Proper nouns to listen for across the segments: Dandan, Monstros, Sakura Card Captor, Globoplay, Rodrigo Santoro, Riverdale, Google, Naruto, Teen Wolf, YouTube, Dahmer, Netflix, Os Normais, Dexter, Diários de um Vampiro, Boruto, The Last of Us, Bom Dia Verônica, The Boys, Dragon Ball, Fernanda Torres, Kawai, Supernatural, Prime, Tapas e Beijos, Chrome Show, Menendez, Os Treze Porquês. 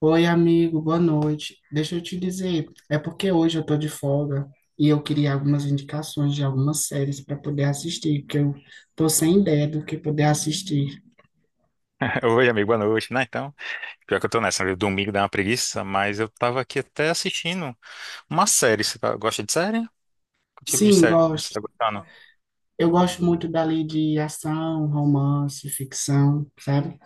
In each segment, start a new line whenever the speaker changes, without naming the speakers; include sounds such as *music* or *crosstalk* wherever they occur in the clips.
Oi, amigo, boa noite. Deixa eu te dizer, é porque hoje eu tô de folga e eu queria algumas indicações de algumas séries para poder assistir, porque eu tô sem ideia do que poder assistir.
*laughs* Oi, amigo, boa noite, né? Então, pior que eu tô nessa, né? Domingo dá uma preguiça, mas eu tava aqui até assistindo uma série. Gosta de série? Que tipo de
Sim,
série você
gosto.
tá gostando?
Eu gosto muito dali de ação, romance, ficção, sabe?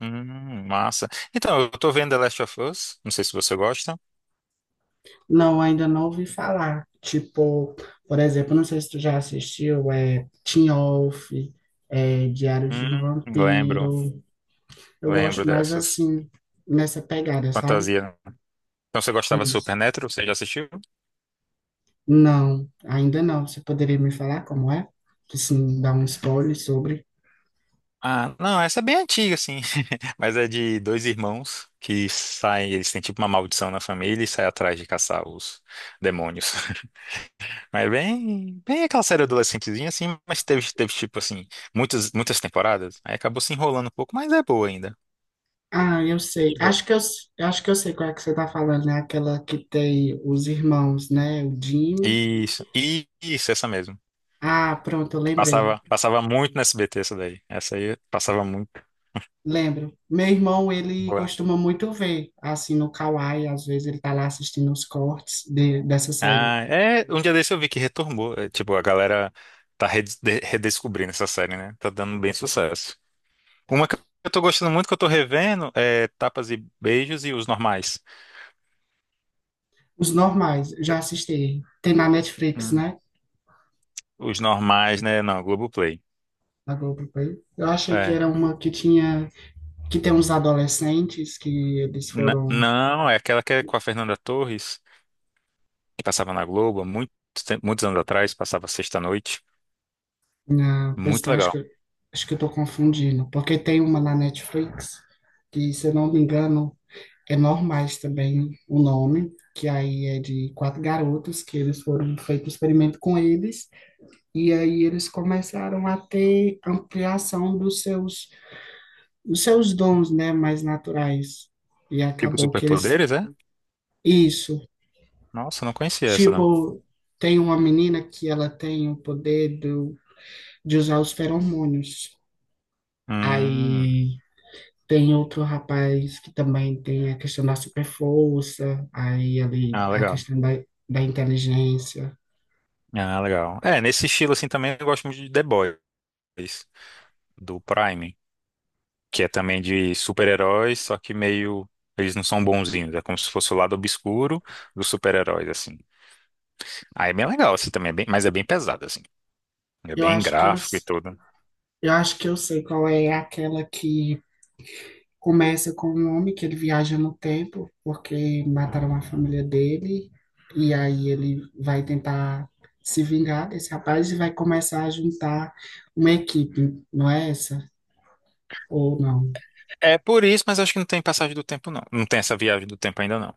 Massa. Então, eu tô vendo The Last of Us, não sei se você gosta.
Não, ainda não ouvi falar. Tipo, por exemplo, não sei se tu já assistiu, é Teen Wolf, é Diários de um
Lembro,
Vampiro. Eu
lembro
gosto mais
dessas.
assim, nessa pegada, sabe?
Fantasia. Então, você
É
gostava de
isso.
Supernatural? Você já assistiu?
Não, ainda não. Você poderia me falar como é? Que sim, dá um spoiler sobre.
Ah, não, essa é bem antiga, assim, *laughs* mas é de dois irmãos que saem, eles têm tipo uma maldição na família e saem atrás de caçar os demônios. Mas bem, bem aquela série adolescentezinha, assim, mas teve tipo assim, muitas, muitas temporadas. Aí acabou se enrolando um pouco, mas é boa ainda.
Ah, eu
É
sei.
de boa.
Acho que eu, s- Eu acho que eu sei qual é que você tá falando, né? Aquela que tem os irmãos, né? O Jim.
Isso, isso, essa mesmo.
Ah, pronto, eu
Passava,
lembrei.
passava muito no SBT essa daí. Essa aí passava muito.
Lembro. Meu irmão, ele
Boa.
costuma muito ver, assim, no Kawai, às vezes ele tá lá assistindo os cortes dessa série.
Ah, é, um dia desse eu vi que retornou. É, tipo, a galera tá redescobrindo essa série, né? Tá dando bem sucesso. Uma que eu tô gostando muito, que eu tô revendo, é Tapas e Beijos e Os Normais.
Os normais, já assisti. Tem na Netflix,
Hum.
né?
Os Normais, né? Não, Globoplay.
Na Globoplay. Eu achei que
É.
era uma que tinha que tem uns adolescentes que eles foram.
Não, é aquela que é com a Fernanda Torres, que passava na Globo há muito muitos anos atrás, passava sexta-noite.
Pois
Muito
então,
legal.
acho que eu tô confundindo, porque tem uma na Netflix que, se eu não me engano, é Normais também o nome, que aí é de quatro garotos que eles foram feito experimento com eles e aí eles começaram a ter ampliação dos seus dons, né, mais naturais. E
Tipo
acabou que eles
superpoderes, é?
isso,
Nossa, não conhecia essa, não.
tipo, tem uma menina que ela tem o poder de usar os feromônios.
Hum,
Aí tem outro rapaz que também tem a questão da super força, aí ali
ah,
a
legal.
questão da inteligência.
Ah, legal. É, nesse estilo assim também eu gosto muito de The Boys, do Prime, que é também de super-heróis, só que meio. Eles não são bonzinhos, é como se fosse o lado obscuro dos super-heróis, assim. Aí é bem legal, assim, também, é bem, mas é bem pesado, assim. É
Eu
bem
acho que eu,
gráfico e
s-
tudo.
eu acho que eu sei qual é aquela que começa com um homem que ele viaja no tempo porque mataram a família dele e aí ele vai tentar se vingar desse rapaz e vai começar a juntar uma equipe, não é essa? Ou não?
É por isso, mas acho que não tem passagem do tempo, não. Não tem essa viagem do tempo ainda, não.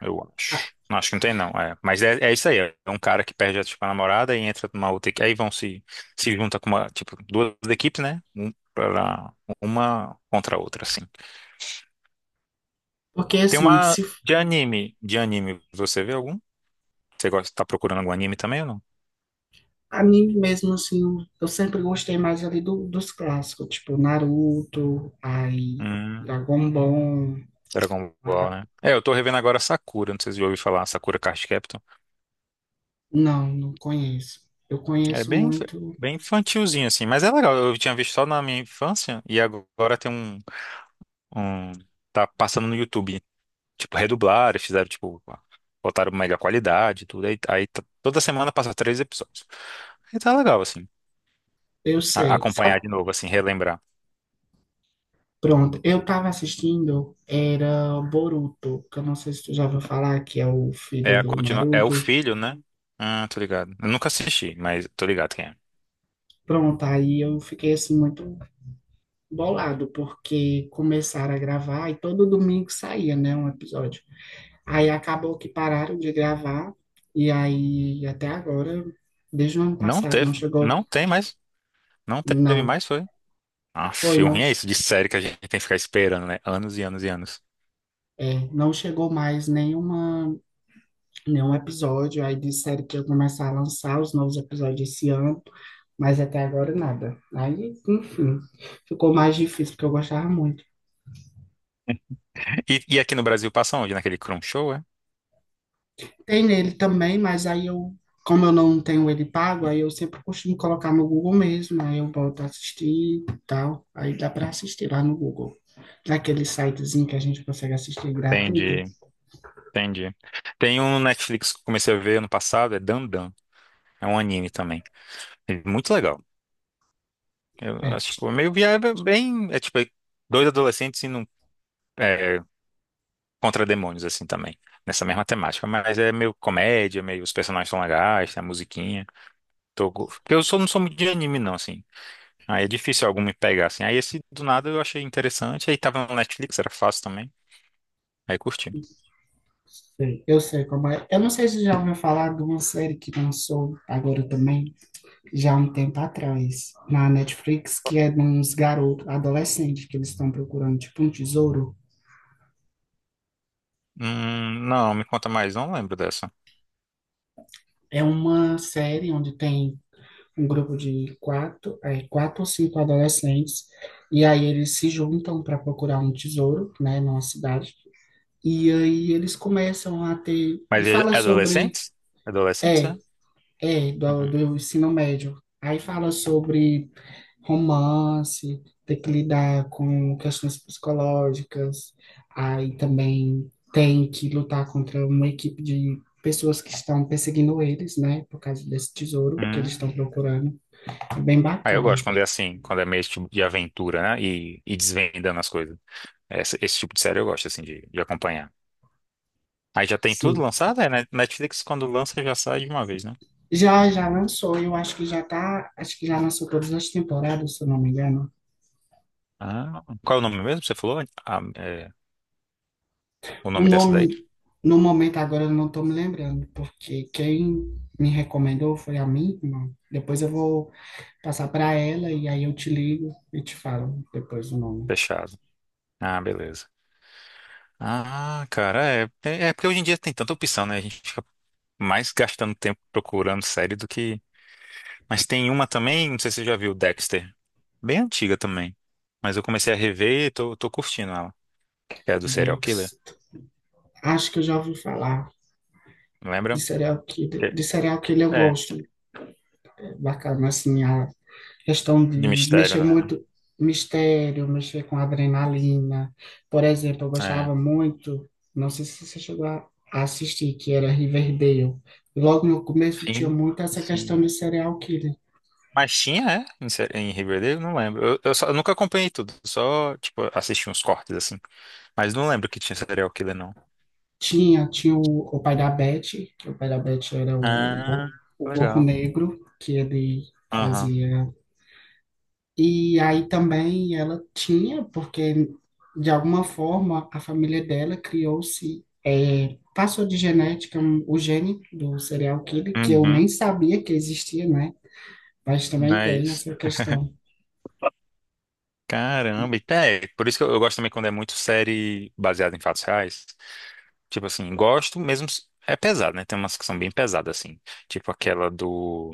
Eu
Ah.
acho. Não, acho que não tem, não. É. Mas é isso aí. É um cara que perde a, tipo, a namorada e entra numa outra equipe. Aí vão se, se junta com uma, tipo, duas equipes, né? Uma contra a outra, assim.
Porque
Tem
assim,
uma
se.
de anime. De anime, você vê algum? Você gosta, tá procurando algum anime também ou não?
Anime mesmo, assim, eu sempre gostei mais ali dos clássicos, tipo Naruto, aí
Hum,
Dragon Ball.
Dragon Ball,
a-
né? É, eu tô revendo agora Sakura. Não sei se você já ouviu falar. Sakura Card Captor.
Não, não conheço. Eu
É
conheço
bem,
muito,
bem infantilzinho, assim, mas é legal. Eu tinha visto só na minha infância e agora tem um- tá passando no YouTube. Tipo, redublaram, fizeram, tipo, botaram melhor qualidade, e tudo. Aí, toda semana passa três episódios. E tá legal, assim.
eu sei.
Acompanhar
Sabe?
de novo, assim, relembrar.
Pronto, eu tava assistindo, era Boruto, que eu não sei se tu já ouviu falar, que é o
É
filho
a
do
continua, é o
Naruto.
filho, né? Ah, tô ligado. Eu nunca assisti, mas tô ligado quem é.
Pronto, aí eu fiquei assim muito bolado, porque começaram a gravar e todo domingo saía, né, um episódio. Aí acabou que pararam de gravar, e aí até agora, desde o ano
Não
passado,
teve,
não chegou,
não tem mais, não teve
não,
mais, foi. Ah,
foi,
o
não,
ruim é isso de série que a gente tem que ficar esperando, né? Anos e anos e anos.
é, não chegou mais nenhuma, nenhum episódio. Aí disseram que ia começar a lançar os novos episódios esse ano, mas até agora nada. Aí, enfim, ficou mais difícil, porque eu gostava muito.
E aqui no Brasil passa onde? Naquele Chrome Show, é?
Tem nele também, mas aí eu, como eu não tenho ele pago, aí eu sempre costumo colocar no Google mesmo, aí eu volto a assistir e tal, aí dá para assistir lá no Google. Aquele sitezinho que a gente consegue assistir gratuito.
Entendi, entendi. Tem um Netflix que eu comecei a ver ano passado, é Dandan. É um anime também. É muito legal. Eu
É,
acho, tipo, meio viável, bem. É tipo dois adolescentes indo é, contra demônios, assim também. Nessa mesma temática. Mas é meio comédia, meio os personagens são legais, tem a musiquinha. Porque eu sou, não sou muito de anime, não, assim. Aí é difícil algum me pegar, assim. Aí esse do nada eu achei interessante. Aí tava no Netflix, era fácil também. Aí curti.
sei, eu sei como é. Eu não sei se já ouviu falar de uma série que lançou agora também, já há um tempo atrás, na Netflix, que é de uns garotos, adolescentes, que eles estão procurando, tipo, um tesouro.
Não, me conta mais, não lembro dessa.
É uma série onde tem um grupo de quatro, é, quatro ou cinco adolescentes, e aí eles se juntam para procurar um tesouro, né, numa cidade. E aí eles começam a ter.
Mas é
Fala sobre.
adolescentes? Adolescentes,
É.
é?
É, do ensino médio. Aí fala sobre romance, ter que lidar com questões psicológicas, aí também tem que lutar contra uma equipe de pessoas que estão perseguindo eles, né, por causa desse tesouro que eles
Hum.
estão procurando. É bem
Aí eu
bacana.
gosto quando é assim, quando é meio tipo de aventura, né? E desvendando as coisas. Esse tipo de série eu gosto, assim, de acompanhar. Aí já tem tudo
Sim.
lançado? É, né? Netflix quando lança já sai de uma vez, né?
Já lançou, eu acho que já tá, acho que já lançou todas as temporadas, se eu não me engano.
Ah, qual é o nome mesmo que você falou? Ah, é, o
O
nome dessa daí?
nome, no momento agora eu não estou me lembrando, porque quem me recomendou foi a minha irmã. Depois eu vou passar para ela e aí eu te ligo e te falo depois o nome.
Fechado. Ah, beleza. Ah, cara, é porque hoje em dia tem tanta opção, né? A gente fica mais gastando tempo procurando série do que. Mas tem uma também, não sei se você já viu, Dexter. Bem antiga também. Mas eu comecei a rever e tô curtindo ela. Que é do serial killer,
Dex. Acho que eu já ouvi falar de
lembra?
serial killer,
Que-
eu
É,
gosto. Bacana, assim, a questão
de
de
mistério,
mexer
né?
muito mistério, mexer com adrenalina. Por exemplo, eu
É.
gostava muito, não sei se você chegou a assistir, que era Riverdale. Logo no começo tinha
Sim,
muito essa questão
sim.
de serial killer.
Mas tinha, é? Em Riverdale, não lembro. Eu nunca acompanhei tudo, só, tipo, assisti uns cortes assim. Mas não lembro que tinha serial killer, não.
Tinha, tinha o pai da Beth, que o pai da Beth era o,
Ah,
o gorro
legal.
negro, que ele fazia. E aí também ela tinha, porque de alguma forma a família dela criou-se, passou de genética o gene do serial killer, que eu nem
Uhum,
sabia que existia, né? Mas também
é
tem
isso.
essa questão.
Caramba, e até, por isso que eu gosto também quando é muito série baseada em fatos reais. Tipo assim, gosto mesmo. É pesado, né? Tem umas que são bem pesadas, assim. Tipo aquela do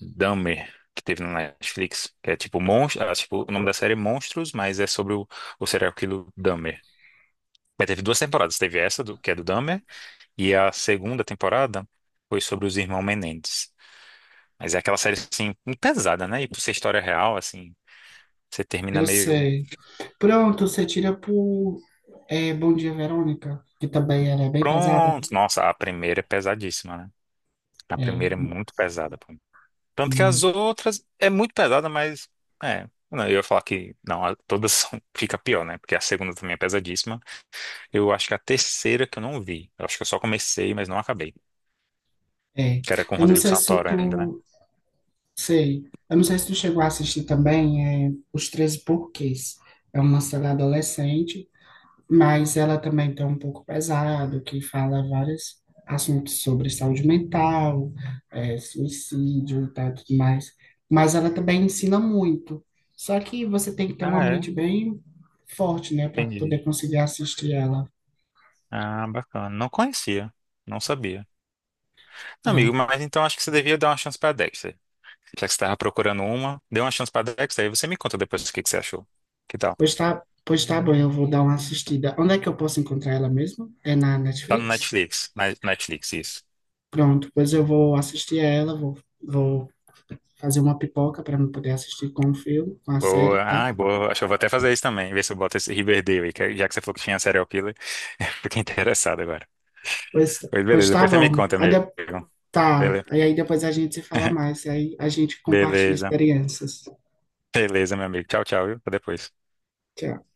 Dahmer, que teve no Netflix, que é tipo monstro. Ah, tipo, o nome da série é Monstros, mas é sobre o serial killer Dahmer. Mas teve duas temporadas. Teve essa, do, que é do Dahmer, e a segunda temporada foi sobre os irmãos Menendez. Mas é aquela série, assim, pesada, né? E por ser história real, assim, você termina
Eu
meio.
sei. Pronto, você tira por Bom Dia Verônica, que também ela é bem pesada.
Pronto. Nossa, a primeira é pesadíssima, né? A
É,
primeira é
mu-
muito pesada, pô. Tanto que as
muito.
outras é muito pesada, mas é. Não, eu ia falar que não, todas são, *laughs* fica pior, né? Porque a segunda também é pesadíssima. Eu acho que a terceira que eu não vi. Eu acho que eu só comecei, mas não acabei.
É.
Que era com o
Eu não
Rodrigo
sei se
Santoro ainda, né?
tu. Sei. Eu não sei se tu chegou a assistir também, é, Os Treze Porquês. É uma série adolescente, mas ela também tem um pouco pesado, que fala vários assuntos sobre saúde mental, é, suicídio e tal, tudo mais. Mas ela também ensina muito. Só que você tem que ter
Ah,
uma
é?
mente bem forte, né, para poder
Entendi.
conseguir assistir ela.
Ah, bacana. Não conhecia. Não sabia. Não, amigo,
Pronto.
mas então acho que você devia dar uma chance pra Dexter. Já que você estava procurando uma, dê uma chance pra Dexter, aí você me conta depois o que que você achou. Que tal?
Pois tá bom, eu vou dar uma assistida. Onde é que eu posso encontrar ela mesmo? É na
Tá no
Netflix?
Netflix. Netflix, isso.
Pronto, pois eu vou assistir a ela, vou fazer uma pipoca para eu poder assistir com o filme, com a série,
Boa.
tá?
Ai, boa. Acho que eu vou até fazer isso também. Ver se eu boto esse Riverdale aí. Já que você falou que tinha serial killer, *laughs* eu fiquei interessado agora.
Pois,
Pois
pois
beleza,
tá
depois você me
bom.
conta, amigo.
Tá.
Beleza.
E aí depois a gente se fala
*laughs*
mais, aí a gente compartilha
Beleza.
experiências.
Beleza, meu amigo. Tchau, tchau, viu? Até depois.
Tchau.